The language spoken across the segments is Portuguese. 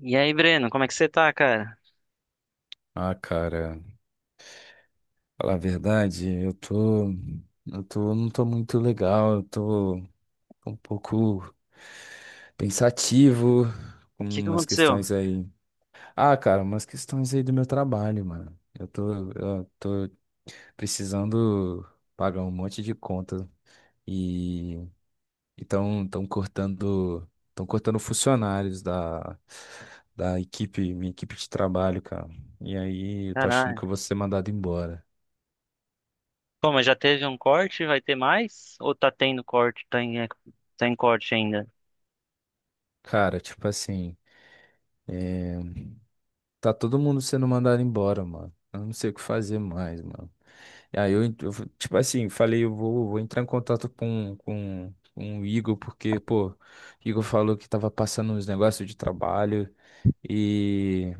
E aí, Breno, como é que você tá, cara? Ah, cara, falar a verdade, eu tô, não tô muito legal, eu tô um pouco pensativo O com que que umas aconteceu? questões aí. Ah, cara, umas questões aí do meu trabalho, mano. Eu tô precisando pagar um monte de conta e então estão cortando funcionários da equipe, minha equipe de trabalho, cara. E aí eu tô achando que Caralho. eu vou ser mandado embora. Pô, mas já teve um corte? Vai ter mais? Ou tá tendo corte? Tá em corte ainda? Cara, tipo assim, tá todo mundo sendo mandado embora, mano. Eu não sei o que fazer mais, mano. E aí eu, tipo assim, falei, vou entrar em contato com o Igor, porque, pô, Igor falou que tava passando uns negócios de trabalho e,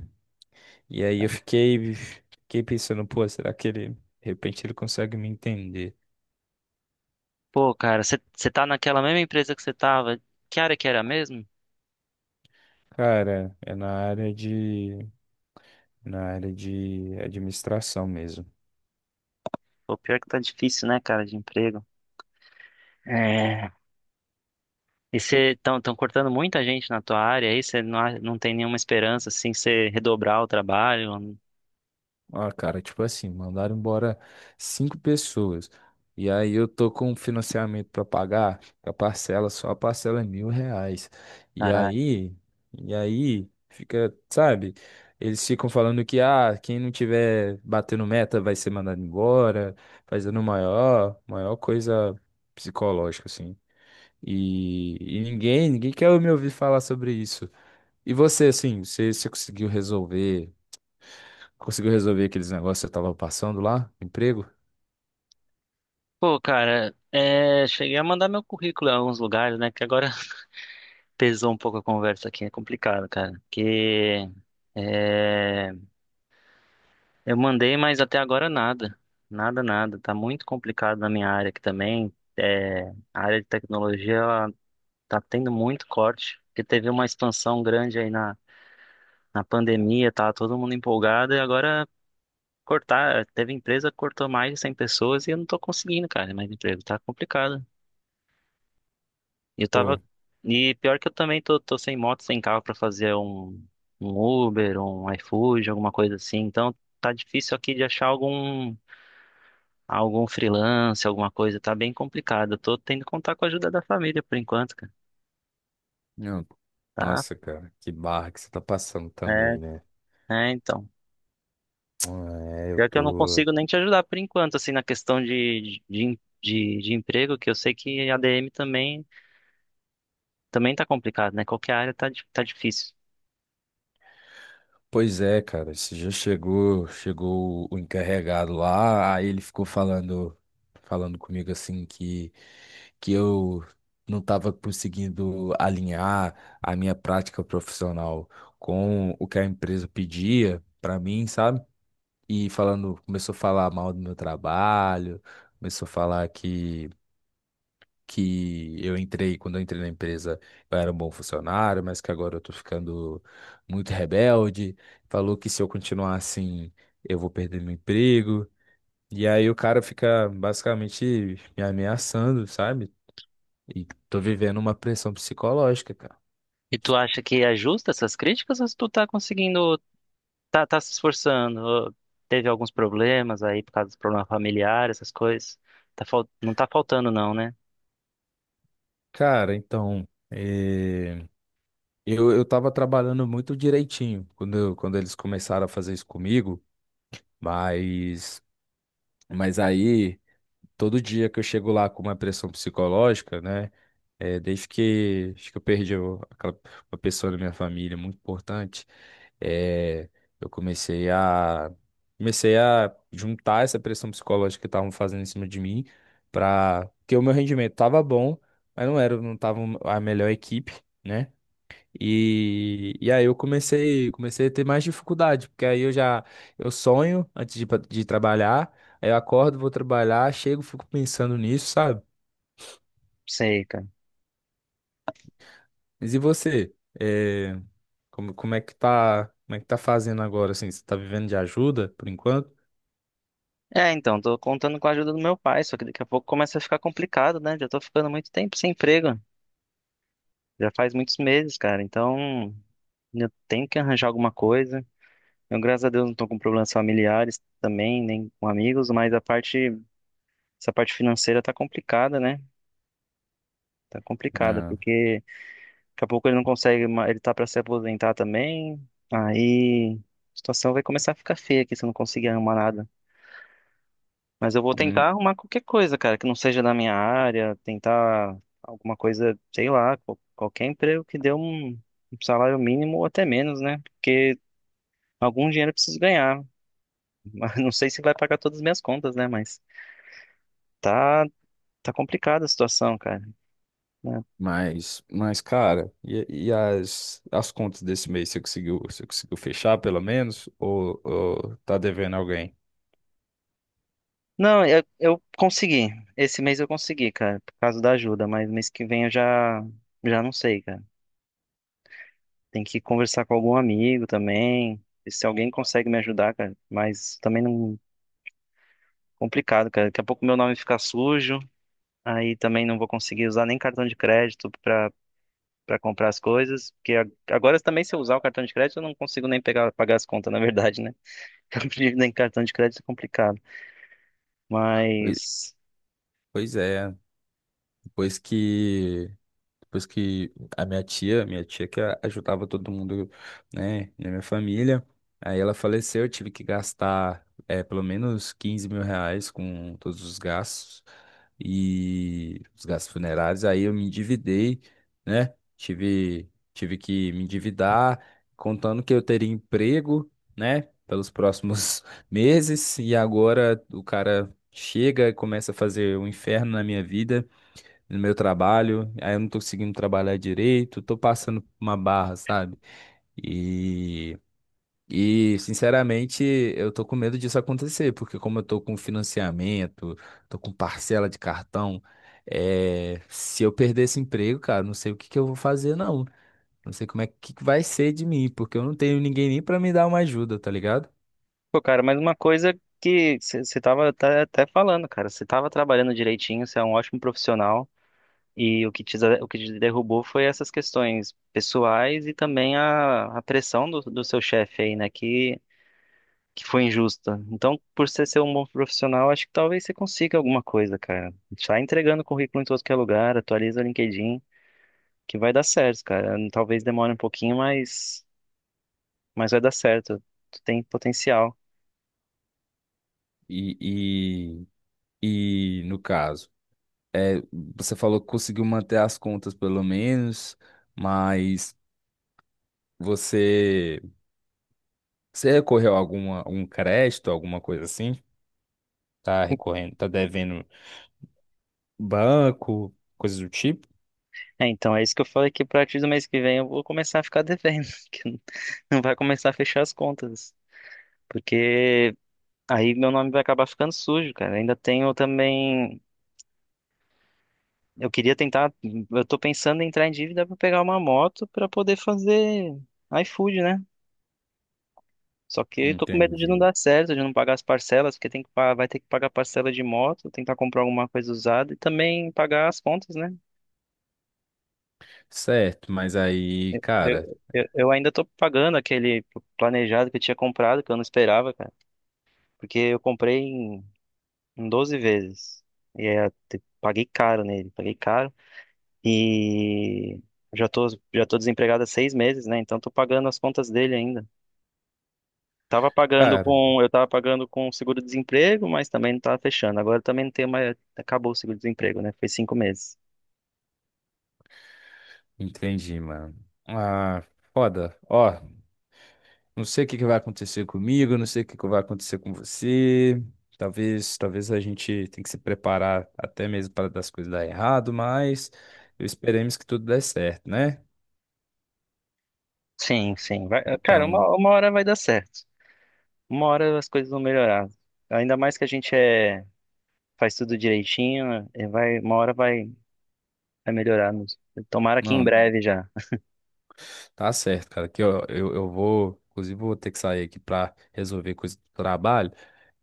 e aí fiquei pensando, pô, será que ele, de repente ele consegue me entender? Pô, cara, você tá naquela mesma empresa que você tava? Que área que era mesmo? Cara, na área de administração mesmo. Pô, pior que tá difícil, né, cara, de emprego. É. E você tão, tão cortando muita gente na tua área aí? Você não, não tem nenhuma esperança, assim, de você redobrar o trabalho? Ah, cara, tipo assim, mandaram embora 5 pessoas. E aí eu tô com um financiamento pra pagar, a parcela, só a parcela é 1.000 reais. E Caralho. aí, e aí fica, sabe? Eles ficam falando que, ah, quem não tiver batendo meta vai ser mandado embora, fazendo maior coisa psicológica, assim. E ninguém quer me ouvir falar sobre isso. E você, assim, você conseguiu resolver? Conseguiu resolver aqueles negócios que você tava passando lá? Emprego? Pô, cara, é, cheguei a mandar meu currículo em alguns lugares, né? Que agora pesou um pouco a conversa aqui, é complicado, cara. Porque é, eu mandei, mas até agora nada. Nada, nada. Tá muito complicado na minha área aqui também. É, a área de tecnologia, ela tá tendo muito corte, porque teve uma expansão grande na pandemia, tá todo mundo empolgado, e agora cortar, teve empresa que cortou mais de 100 pessoas e eu não tô conseguindo, cara, mais emprego. Tá complicado. Eu Pô, tava. E pior que eu também tô sem moto, sem carro pra fazer um Uber, um iFood, alguma coisa assim. Então tá difícil aqui de achar algum freelance, alguma coisa. Tá bem complicado. Eu tô tendo que contar com a ajuda da família por enquanto, cara. não. Tá? Nossa, cara, que barra que você tá passando É, também, né? é, então. Ah, é, eu Pior que eu não tô. consigo nem te ajudar por enquanto, assim, na questão de emprego, que eu sei que ADM também, também tá complicado, né? Qualquer área tá, tá difícil. Pois é, cara, esse dia chegou, chegou o encarregado lá, aí ele ficou falando, falando comigo assim que eu não tava conseguindo alinhar a minha prática profissional com o que a empresa pedia pra mim, sabe? E falando, começou a falar mal do meu trabalho, começou a falar que quando eu entrei na empresa, eu era um bom funcionário, mas que agora eu tô ficando muito rebelde. Falou que se eu continuar assim, eu vou perder meu emprego. E aí o cara fica basicamente me ameaçando, sabe? E tô vivendo uma pressão psicológica, cara. E tu acha que é justa essas críticas ou tu tá conseguindo. Tá, tá se esforçando. Ó, teve alguns problemas aí por causa dos problemas familiares, essas coisas. Não tá faltando, não, né? Cara, então, eu tava trabalhando muito direitinho quando, quando eles começaram a fazer isso comigo. Mas, mas aí, todo dia que eu chego lá com uma pressão psicológica, né? É, desde que, acho que eu perdi aquela, uma pessoa da minha família muito importante, é, eu comecei a, comecei a juntar essa pressão psicológica que estavam fazendo em cima de mim, para porque o meu rendimento estava bom, mas não tava a melhor equipe. Né? E aí comecei a ter mais dificuldade, porque aí eu já eu sonho antes de, de trabalhar, aí eu acordo, vou trabalhar, chego, fico pensando nisso, sabe? Sei, cara. Mas e você? É, como é que tá, como é que tá fazendo agora, assim? Você tá vivendo de ajuda por enquanto? É, então, tô contando com a ajuda do meu pai, só que daqui a pouco começa a ficar complicado, né? Já tô ficando muito tempo sem emprego. Já faz muitos meses, cara. Então, eu tenho que arranjar alguma coisa. Eu, graças a Deus, não tô com problemas familiares também, nem com amigos, mas essa parte financeira tá complicada, né? Tá complicada, É, porque. Daqui a pouco ele não consegue, ele tá pra se aposentar também. Aí a situação vai começar a ficar feia aqui se eu não conseguir arrumar nada. Mas eu vou hum, tentar arrumar qualquer coisa, cara, que não seja da minha área, tentar alguma coisa, sei lá, qualquer emprego que dê um salário mínimo ou até menos, né? Porque algum dinheiro eu preciso ganhar. Mas não sei se vai pagar todas as minhas contas, né? Mas tá, tá complicada a situação, cara. Né? Mas, cara, e as contas desse mês, você conseguiu fechar pelo menos? Ou tá devendo alguém? Não, eu consegui. Esse mês eu consegui, cara, por causa da ajuda, mas mês que vem já não sei, cara. Tem que conversar com algum amigo também. Ver se alguém consegue me ajudar, cara, mas também não complicado, cara. Daqui a pouco meu nome fica sujo, aí também não vou conseguir usar nem cartão de crédito pra para comprar as coisas, porque agora também se eu usar o cartão de crédito eu não consigo nem pegar pagar as contas, na verdade, né? Eu prefiro nem cartão de crédito é complicado, Poi- mas Pois é, depois que depois que a minha tia que ajudava todo mundo, né, na minha família, aí ela faleceu, eu tive que gastar é, pelo menos 15.000 reais com todos os gastos e os gastos funerários. Aí eu me endividei, né? Tive que me endividar, contando que eu teria emprego, né, pelos próximos meses. E agora o cara chega e começa a fazer um inferno na minha vida no meu trabalho, aí eu não tô conseguindo trabalhar direito, tô passando por uma barra, sabe? E, e sinceramente, eu tô com medo disso acontecer, porque como eu tô com financiamento, tô com parcela de cartão, é, se eu perder esse emprego, cara, não sei o que que eu vou fazer, não. Não sei como é que vai ser de mim, porque eu não tenho ninguém nem pra me dar uma ajuda, tá ligado? pô, cara, mas uma coisa que você até falando, cara, você tava trabalhando direitinho, você é um ótimo profissional e o que te derrubou foi essas questões pessoais e também a pressão do seu chefe aí, né, que foi injusta. Então, por você ser um bom profissional, acho que talvez você consiga alguma coisa, cara. Sai entregando currículo em todo que é lugar, atualiza o LinkedIn, que vai dar certo, cara. Talvez demore um pouquinho, mas vai dar certo. Tu tem potencial. E, e, e no caso, é, você falou que conseguiu manter as contas pelo menos, mas você, você recorreu a alguma, algum crédito, alguma coisa assim? Tá recorrendo, tá devendo banco, coisas do tipo? É, então, é isso que eu falei que a partir do mês que vem eu vou começar a ficar devendo, que não não vai começar a fechar as contas, porque aí meu nome vai acabar ficando sujo, cara. Ainda tenho também, eu queria tentar, eu tô pensando em entrar em dívida para pegar uma moto para poder fazer iFood, né? Só que eu tô com medo de Entendi. não dar certo, de não pagar as parcelas, porque tem que, vai ter que pagar parcela de moto, tentar comprar alguma coisa usada e também pagar as contas, né? Certo, mas aí, Eu, cara, eu, eu ainda tô pagando aquele planejado que eu tinha comprado, que eu não esperava, cara. Porque eu comprei em 12 vezes. E é, paguei caro nele, paguei caro. E já tô, já tô desempregado há 6 meses, né? Então tô pagando as contas dele ainda. Cara, Eu tava pagando com seguro-desemprego, mas também não tava fechando. Agora também não tem mais, acabou o seguro-desemprego, né? Foi 5 meses. entendi, mano. Ah, foda. Ó, não sei o que que vai acontecer comigo, não sei o que que vai acontecer com você. Talvez a gente tenha que se preparar até mesmo para das coisas dar errado, mas eu esperemos que tudo dê certo, né? Sim, sim. Vai, cara, Então, uma hora vai dar certo. Uma hora as coisas vão melhorar. Ainda mais que a gente é, faz tudo direitinho, vai, uma hora vai melhorar. Tomara que em não, breve já. tá certo, cara. Aqui, ó, eu vou, inclusive, vou ter que sair aqui pra resolver coisa do trabalho.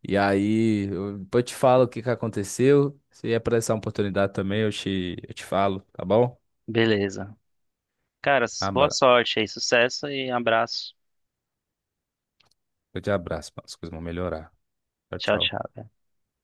E aí, eu, depois eu te falo o que que aconteceu. Se aparecer uma oportunidade também, eu te falo, tá bom? Beleza. Cara, boa Abra, sorte aí, sucesso e abraço. eu te abraço, mano. As coisas vão melhorar. Tchau, Tchau, tchau. tchau.